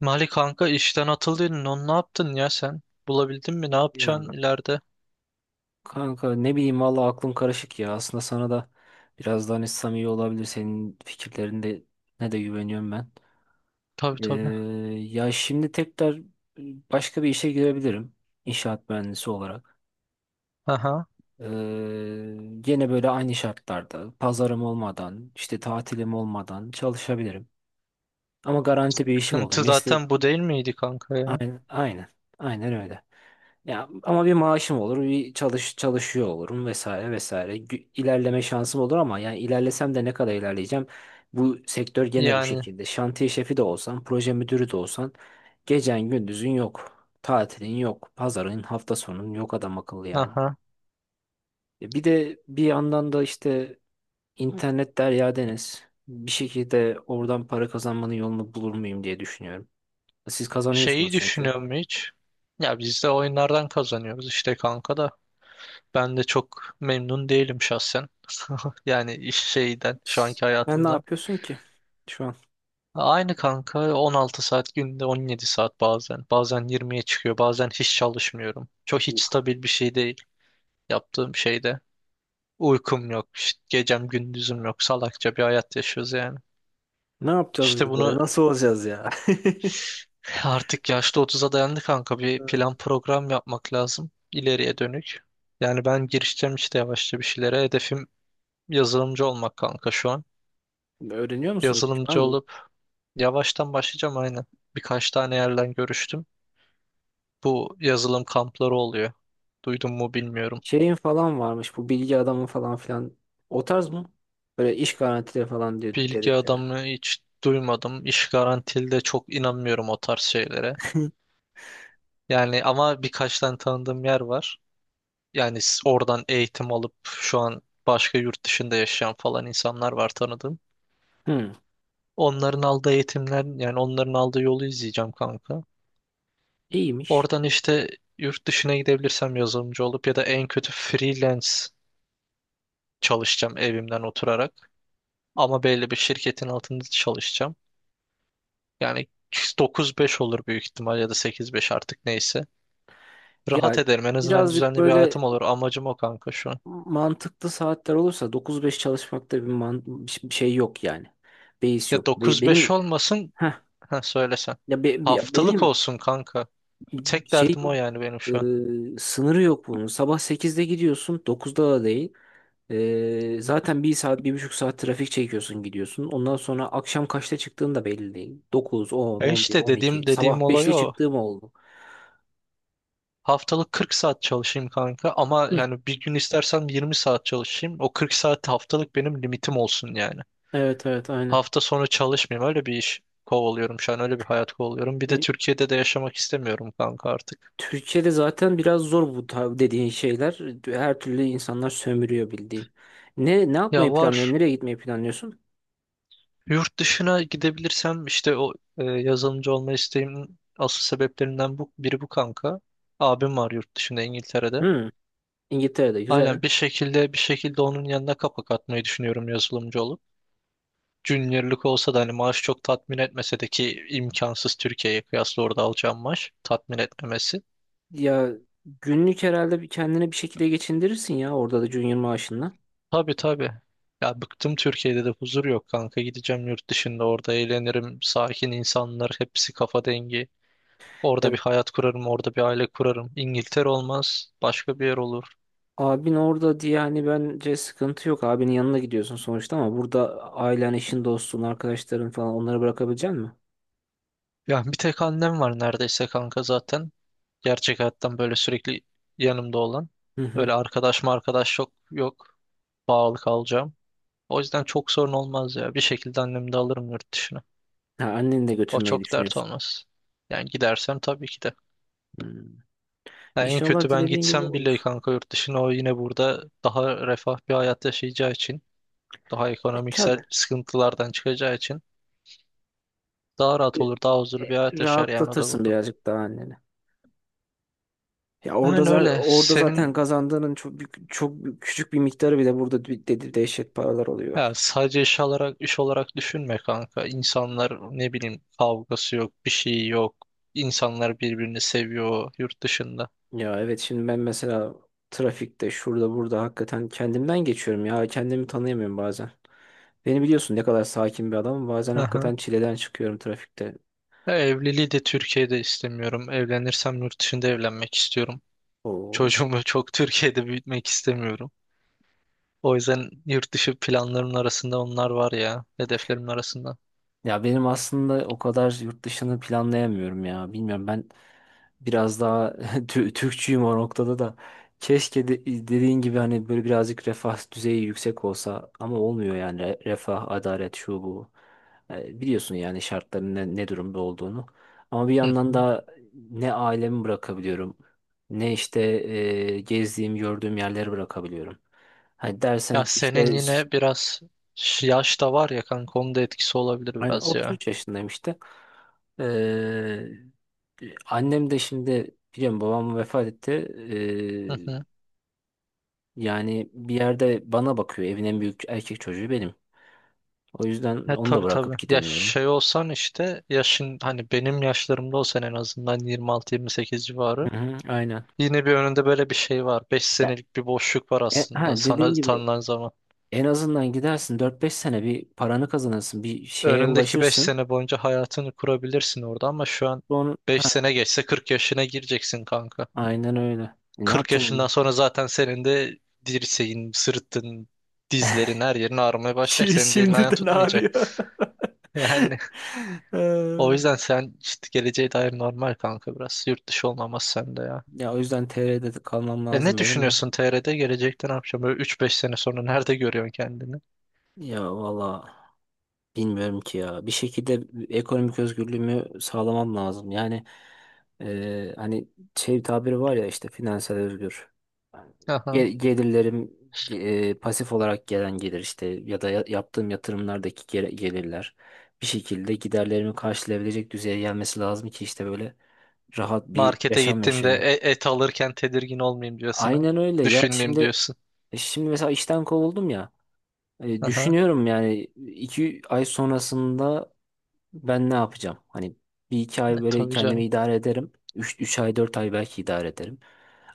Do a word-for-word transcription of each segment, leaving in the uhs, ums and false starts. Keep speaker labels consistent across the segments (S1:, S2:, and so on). S1: Mali kanka, işten atıldın. Onu ne yaptın ya sen? Bulabildin mi? Ne
S2: Ya
S1: yapacaksın ileride?
S2: kanka ne bileyim valla aklım karışık ya. Aslında sana da biraz daha hani samimi olabilir. Senin fikirlerinde ne de güveniyorum ben.
S1: Tabii
S2: Ee,
S1: tabii.
S2: Ya şimdi tekrar başka bir işe girebilirim. İnşaat mühendisi olarak.
S1: Aha.
S2: Ee, Gene böyle aynı şartlarda pazarım olmadan işte tatilim olmadan çalışabilirim. Ama garanti bir işim olur.
S1: Sıkıntı
S2: Mesleği
S1: zaten bu değil miydi kanka ya?
S2: aynen, aynen, aynen öyle. Ya ama bir maaşım olur, bir çalış çalışıyor olurum vesaire vesaire. Gü- İlerleme şansım olur ama yani ilerlesem de ne kadar ilerleyeceğim? Bu sektör gene bu
S1: Yani
S2: şekilde. Şantiye şefi de olsan, proje müdürü de olsan gecen gündüzün yok. Tatilin yok, pazarın, hafta sonun yok adam akıllı yani.
S1: aha.
S2: E Bir de bir yandan da işte internet derya deniz. Bir şekilde oradan para kazanmanın yolunu bulur muyum diye düşünüyorum. Siz
S1: Şeyi
S2: kazanıyorsunuz çünkü.
S1: düşünüyor mu hiç? Ya biz de oyunlardan kazanıyoruz işte kanka da. Ben de çok memnun değilim şahsen. Yani iş şeyden, şu anki
S2: Ben ne
S1: hayatımdan.
S2: yapıyorsun ki şu an?
S1: Aynı kanka, on altı saat günde, on yedi saat bazen. Bazen yirmiye çıkıyor. Bazen hiç çalışmıyorum. Çok hiç stabil bir şey değil yaptığım şeyde. Uykum yok, işte gecem gündüzüm yok. Salakça bir hayat yaşıyoruz yani.
S2: Ne yapacağız
S1: İşte
S2: biz böyle?
S1: bunu
S2: Nasıl olacağız ya?
S1: artık, yaşlı otuza dayandı kanka. Bir
S2: Evet.
S1: plan program yapmak lazım ileriye dönük. Yani ben girişeceğim işte yavaşça bir şeylere. Hedefim yazılımcı olmak kanka şu an.
S2: Öğreniyor musun hiç? Var
S1: Yazılımcı
S2: mı?
S1: olup yavaştan başlayacağım aynen. Birkaç tane yerden görüştüm. Bu yazılım kampları oluyor. Duydun mu bilmiyorum.
S2: Şeyin falan varmış bu bilgi adamı falan filan. O tarz mı? Böyle iş garantileri falan diyor
S1: Bilgi
S2: dedikleri.
S1: adamı hiç duymadım. İş garantili de çok inanmıyorum o tarz şeylere. Yani ama birkaç tane tanıdığım yer var. Yani s- oradan eğitim alıp şu an başka yurt dışında yaşayan falan insanlar var tanıdığım.
S2: Hmm,
S1: Onların aldığı eğitimler, yani onların aldığı yolu izleyeceğim kanka.
S2: iyiymiş.
S1: Oradan işte yurt dışına gidebilirsem yazılımcı olup ya da en kötü freelance çalışacağım, evimden oturarak. Ama belli bir şirketin altında çalışacağım. Yani dokuz beş olur büyük ihtimal, ya da sekiz beş artık neyse. Rahat
S2: Ya
S1: ederim, en azından
S2: birazcık
S1: düzenli bir
S2: böyle
S1: hayatım olur. Amacım o kanka şu an.
S2: mantıklı saatler olursa dokuz beş çalışmakta bir, man bir şey yok yani. Beis
S1: Ya
S2: yok. Be-
S1: dokuz beş
S2: benim
S1: olmasın.
S2: heh,
S1: Ha söylesen.
S2: ya be- be-
S1: Haftalık
S2: benim
S1: olsun kanka. Tek
S2: şey
S1: derdim
S2: yok.
S1: o yani benim şu an.
S2: Ee, sınırı yok bunun. Sabah sekizde gidiyorsun, dokuzda da değil. Ee, zaten bir saat, bir buçuk saat trafik çekiyorsun gidiyorsun. Ondan sonra akşam kaçta çıktığın da belli değil. Dokuz, on,
S1: E
S2: on bir,
S1: işte
S2: on iki.
S1: dediğim dediğim
S2: Sabah
S1: olay
S2: beşte
S1: o.
S2: çıktığım oldu.
S1: Haftalık kırk saat çalışayım kanka, ama
S2: Hı,
S1: yani bir gün istersem yirmi saat çalışayım. O kırk saat haftalık benim limitim olsun yani.
S2: evet evet aynen.
S1: Hafta sonu çalışmayayım, öyle bir iş kovalıyorum şu an, öyle bir hayat kovalıyorum. Bir de
S2: E,
S1: Türkiye'de de yaşamak istemiyorum kanka artık.
S2: Türkiye'de zaten biraz zor bu tar- dediğin şeyler. Her türlü insanlar sömürüyor bildiğin. Ne ne
S1: Ya
S2: yapmayı planlıyorsun?
S1: var,
S2: Nereye gitmeyi planlıyorsun?
S1: yurt dışına gidebilirsem işte o e, yazılımcı olma isteğimin asıl sebeplerinden bu, biri bu kanka. Abim var yurt dışında, İngiltere'de.
S2: Hı, İngiltere'de güzel.
S1: Aynen, bir şekilde bir şekilde onun yanına kapak atmayı düşünüyorum yazılımcı olup. Junior'lık olsa da, hani maaş çok tatmin etmese de, ki imkansız Türkiye'ye kıyasla orada alacağım maaş tatmin etmemesi.
S2: Ya günlük herhalde bir kendine bir şekilde geçindirirsin ya orada da junior maaşınla.
S1: Tabii tabii. Ya bıktım, Türkiye'de de huzur yok kanka, gideceğim yurt dışında, orada eğlenirim, sakin insanlar, hepsi kafa dengi. Orada bir hayat kurarım, orada bir aile kurarım. İngiltere olmaz, başka bir yer olur.
S2: Abin orada diye hani bence sıkıntı yok. Abinin yanına gidiyorsun sonuçta ama burada ailen, eşin, dostun, arkadaşların falan onları bırakabilecek misin?
S1: Yani bir tek annem var neredeyse kanka zaten. Gerçek hayattan böyle sürekli yanımda olan.
S2: Hı hı.
S1: Öyle arkadaş mı, arkadaş yok, yok. Bağlı kalacağım. O yüzden çok sorun olmaz ya. Bir şekilde annemi de alırım yurt dışına.
S2: Ha, anneni de
S1: O
S2: götürmeyi
S1: çok dert
S2: düşünüyorsun.
S1: olmaz. Yani gidersem tabii ki de.
S2: Hmm.
S1: Yani en
S2: İnşallah
S1: kötü ben
S2: dilediğin gibi
S1: gitsem bile
S2: olur.
S1: kanka yurt dışına, o yine burada daha refah bir hayat yaşayacağı için, daha
S2: E,
S1: ekonomiksel
S2: tabii.
S1: sıkıntılardan çıkacağı için daha
S2: E,
S1: rahat olur, daha huzurlu
S2: e,
S1: bir hayat yaşar yani o da
S2: Rahatlatırsın
S1: burada.
S2: birazcık daha anneni. Ya orada
S1: Yani
S2: za-
S1: öyle.
S2: orada zaten
S1: Senin.
S2: kazandığının çok büyük- çok büyük- küçük bir miktarı bile burada de de- dehşet paralar oluyor.
S1: Ya sadece iş olarak iş olarak düşünme kanka. İnsanlar, ne bileyim, kavgası yok, bir şey yok. İnsanlar birbirini seviyor yurt dışında.
S2: Ya evet şimdi ben mesela trafikte şurada burada hakikaten kendimden geçiyorum ya kendimi tanıyamıyorum bazen. Beni biliyorsun ne kadar sakin bir adamım. Bazen
S1: Aha.
S2: hakikaten çileden çıkıyorum trafikte.
S1: Ya evliliği de Türkiye'de istemiyorum. Evlenirsem yurt dışında evlenmek istiyorum.
S2: Oo.
S1: Çocuğumu çok Türkiye'de büyütmek istemiyorum. O yüzden yurt dışı planlarımın arasında onlar var ya, hedeflerimin arasında.
S2: Ya benim aslında o kadar yurt dışını planlayamıyorum ya. Bilmiyorum ben biraz daha. Tü- Türkçüyüm o noktada da. Keşke de, dediğin gibi hani böyle birazcık refah düzeyi yüksek olsa ama olmuyor yani. Re- refah, adalet şu bu. E, biliyorsun yani şartların ne, ne durumda olduğunu. Ama bir
S1: Hı
S2: yandan
S1: hı.
S2: da ne ailemi bırakabiliyorum ne işte e, gezdiğim gördüğüm yerleri bırakabiliyorum. Hani dersen
S1: Ya
S2: ki
S1: senin
S2: işte.
S1: yine biraz ş- yaş da var ya kanka, onun da etkisi olabilir
S2: Aynen,
S1: biraz ya.
S2: otuz üç yaşındayım işte. Ee, Annem de şimdi biliyorum babam vefat etti.
S1: Hı hı.
S2: Ee, yani bir yerde bana bakıyor. Evin en büyük erkek çocuğu benim. O yüzden
S1: Ya
S2: onu da
S1: tabii tabii.
S2: bırakıp
S1: Ya
S2: gidemiyorum.
S1: şey olsan işte, yaşın hani benim yaşlarımda olsan, en azından yirmi altı yirmi sekiz civarı.
S2: Hı hı, aynen.
S1: Yine bir önünde böyle bir şey var. beş
S2: Ya,
S1: senelik bir boşluk var
S2: e,
S1: aslında
S2: ha,
S1: sana
S2: dediğin gibi
S1: tanınan zaman.
S2: en azından gidersin dört beş sene bir paranı kazanırsın. Bir şeye
S1: Önündeki beş
S2: ulaşırsın.
S1: sene boyunca hayatını kurabilirsin orada, ama şu an
S2: Sonra,
S1: beş
S2: ha,
S1: sene geçse kırk yaşına gireceksin kanka.
S2: aynen öyle. E, Ne
S1: kırk
S2: yapacağım
S1: yaşından
S2: onu?
S1: sonra zaten senin de dirseğin, sırtın, dizlerin, her yerin ağrımaya başlayacak.
S2: Şi-
S1: Senin de elin ayağın
S2: Şimdiden
S1: tutmayacak.
S2: ağrıyor.
S1: Yani, o
S2: Ee,
S1: yüzden sen işte geleceğe dair normal kanka biraz. Yurt dışı olmaması sende ya.
S2: Ya o yüzden T R'de de kalmam
S1: E, ne
S2: lazım benim de.
S1: düşünüyorsun T R'de? Gelecekte ne yapacağım? Böyle üç beş sene sonra nerede görüyorsun kendini?
S2: Ya valla bilmiyorum ki ya. Bir şekilde ekonomik özgürlüğümü sağlamam lazım. Yani e, hani şey bir tabiri var ya işte finansal özgür.
S1: Aha.
S2: Ge- Gelirlerim, e, pasif olarak gelen gelir işte ya da ya- yaptığım yatırımlardaki gel- gelirler bir şekilde giderlerimi karşılayabilecek düzeye gelmesi lazım ki işte böyle rahat bir
S1: Markete
S2: yaşam
S1: gittiğimde
S2: yaşayayım.
S1: e- et alırken tedirgin olmayayım diyorsun ha.
S2: Aynen öyle ya
S1: Düşünmeyeyim
S2: şimdi,
S1: diyorsun.
S2: e, şimdi mesela işten kovuldum ya. E,
S1: Aha.
S2: düşünüyorum yani iki ay sonrasında ben ne yapacağım? Hani bir iki
S1: E,
S2: ay böyle
S1: tabii canım.
S2: kendimi idare ederim. Üç, üç ay dört ay belki idare ederim.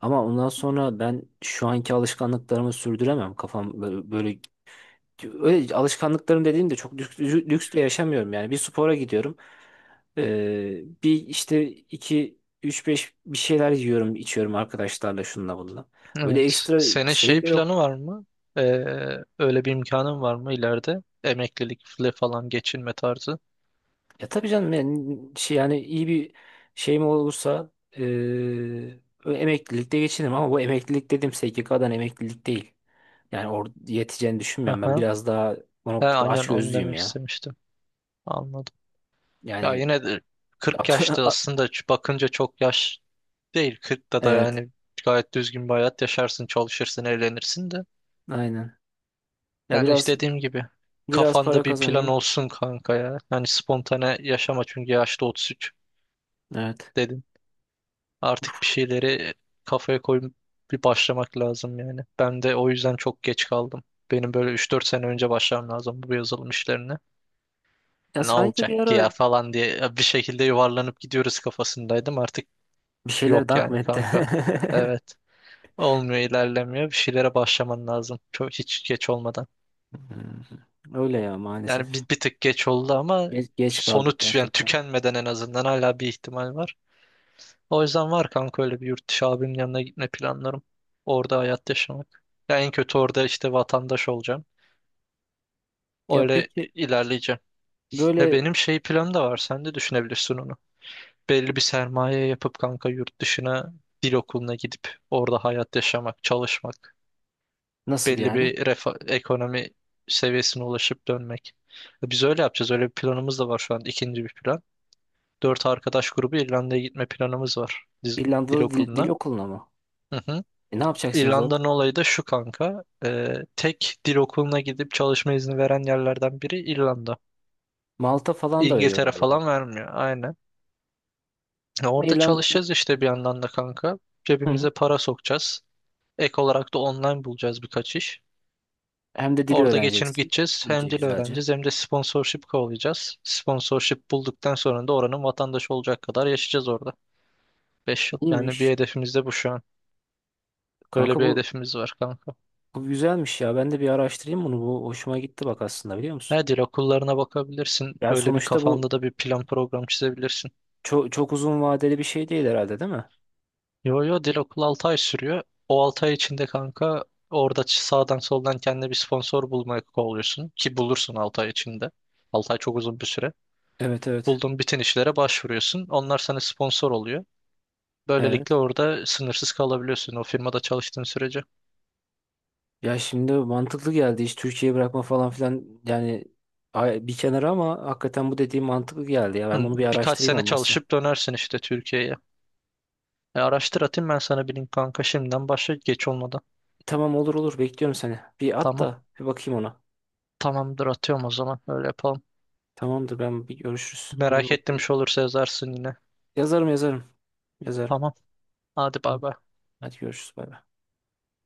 S2: Ama ondan sonra ben şu anki alışkanlıklarımı sürdüremem. Kafam böyle, böyle öyle alışkanlıklarım dediğimde çok lüks, lüks de yaşamıyorum yani. Bir spora gidiyorum. Ee, bir işte iki üç beş bir şeyler yiyorum içiyorum arkadaşlarla şununla bununla. Öyle
S1: Evet.
S2: ekstra
S1: Senin şey
S2: şeyim de
S1: planı
S2: yok.
S1: var mı? Ee, Öyle bir imkanın var mı ileride? Emeklilikle falan geçinme tarzı.
S2: Ya tabii canım yani, şey, yani iyi bir şeyim olursa eee, emeklilikte geçinirim ama bu emeklilik dediğim S G K'dan emeklilik değil. Yani or yeteceğini düşünmüyorum ben
S1: Aha.
S2: biraz daha bu
S1: He,
S2: noktada
S1: aynen onu
S2: açgözlüyüm
S1: demek
S2: ya.
S1: istemiştim. Anladım. Ya
S2: Yani
S1: yine de kırk yaşta aslında ç- bakınca çok yaş değil. kırkta da
S2: evet
S1: yani gayet düzgün bir hayat yaşarsın, çalışırsın, eğlenirsin de.
S2: aynen. Ya
S1: Yani işte
S2: biraz
S1: dediğim gibi,
S2: biraz
S1: kafanda
S2: para
S1: bir plan
S2: kazanayım.
S1: olsun kanka ya. Yani spontane yaşama, çünkü yaşta otuz üç
S2: Evet.
S1: dedim. Artık bir şeyleri kafaya koyup bir başlamak lazım yani. Ben de o yüzden çok geç kaldım. Benim böyle üç dört sene önce başlamam lazım bu yazılım işlerine.
S2: Ya
S1: Ne
S2: sanki bir
S1: olacak ki
S2: ara
S1: ya falan diye bir şekilde yuvarlanıp gidiyoruz kafasındaydım. Artık
S2: bir şeyler
S1: yok
S2: dank mı
S1: yani
S2: etti?
S1: kanka. Evet. Olmuyor, ilerlemiyor. Bir şeylere başlaman lazım. Çok hiç geç olmadan.
S2: Hmm. Öyle ya
S1: Yani bir,
S2: maalesef.
S1: bir tık geç oldu, ama
S2: Geç, geç
S1: sonu
S2: kaldık
S1: tü- yani
S2: gerçekten.
S1: tükenmeden en azından hala bir ihtimal var. O yüzden var kanka, öyle bir yurt dışı abimin yanına gitme planlarım. Orada hayat yaşamak. Ya en kötü orada işte vatandaş olacağım.
S2: Ya
S1: Öyle
S2: peki
S1: ilerleyeceğim. Ve
S2: böyle,
S1: benim şey planım da var. Sen de düşünebilirsin onu. Belli bir sermaye yapıp kanka yurt dışına dil okuluna gidip orada hayat yaşamak, çalışmak.
S2: nasıl
S1: Belli
S2: yani?
S1: bir refa- ekonomi seviyesine ulaşıp dönmek. Biz öyle yapacağız. Öyle bir planımız da var şu an. İkinci bir plan. Dört arkadaş grubu İrlanda'ya gitme planımız var. Diz-. Dil
S2: İrlanda'da dil, dil
S1: okuluna.
S2: okuluna mı?
S1: Hı hı.
S2: E, ne yapacaksınız orada?
S1: İrlanda'nın olayı da şu kanka. Ee, tek dil okuluna gidip çalışma izni veren yerlerden biri İrlanda.
S2: Malta falan da veriyor
S1: İngiltere
S2: galiba.
S1: falan vermiyor. Aynen. Ya
S2: Ama
S1: orada
S2: İrlanda'ya.
S1: çalışacağız işte bir yandan da kanka.
S2: Hı,
S1: Cebimize para sokacağız. Ek olarak da online bulacağız birkaç iş.
S2: hem de dili
S1: Orada geçinip
S2: öğreneceksin.
S1: gideceğiz. Hem
S2: İyice
S1: dil
S2: güzelce.
S1: öğreneceğiz hem de sponsorship kovalayacağız. Sponsorship bulduktan sonra da oranın vatandaşı olacak kadar yaşayacağız orada. Beş yıl. Yani bir
S2: İyiymiş.
S1: hedefimiz de bu şu an. Böyle
S2: Kanka
S1: bir
S2: bu,
S1: hedefimiz var kanka.
S2: bu güzelmiş ya. Ben de bir araştırayım bunu. Bu hoşuma gitti bak aslında biliyor musun?
S1: He, dil okullarına bakabilirsin.
S2: Yani
S1: Öyle bir
S2: sonuçta bu
S1: kafanda da bir plan program çizebilirsin.
S2: çok, çok uzun vadeli bir şey değil herhalde değil mi?
S1: Yo yo, dil okulu altı ay sürüyor. O altı ay içinde kanka orada ç- sağdan soldan kendine bir sponsor bulmaya kovalıyorsun. Ki bulursun altı ay içinde. altı ay çok uzun bir süre.
S2: Evet evet.
S1: Bulduğun bütün işlere başvuruyorsun. Onlar sana sponsor oluyor.
S2: Evet.
S1: Böylelikle orada sınırsız kalabiliyorsun, o firmada çalıştığın sürece.
S2: Ya şimdi mantıklı geldi. Hiç Türkiye'yi bırakma falan filan yani ay- bir kenara ama hakikaten bu dediğim mantıklı geldi ya. Ben
S1: Hı,
S2: bunu bir
S1: birkaç
S2: araştırayım
S1: sene
S2: olmazsa.
S1: çalışıp dönersin işte Türkiye'ye. E, araştır, atayım ben sana bir link kanka, şimdiden başla geç olmadan.
S2: Tamam olur olur bekliyorum seni. Bir at
S1: Tamam.
S2: da bir bakayım ona.
S1: Tamamdır, atıyorum o zaman, öyle yapalım.
S2: Tamamdır ben bir görüşürüz.
S1: Merak ettim, bir şey olursa yazarsın yine.
S2: Yazarım yazarım. Yazarım.
S1: Tamam. Hadi bay
S2: Tamam.
S1: bay.
S2: Hadi görüşürüz bay bay.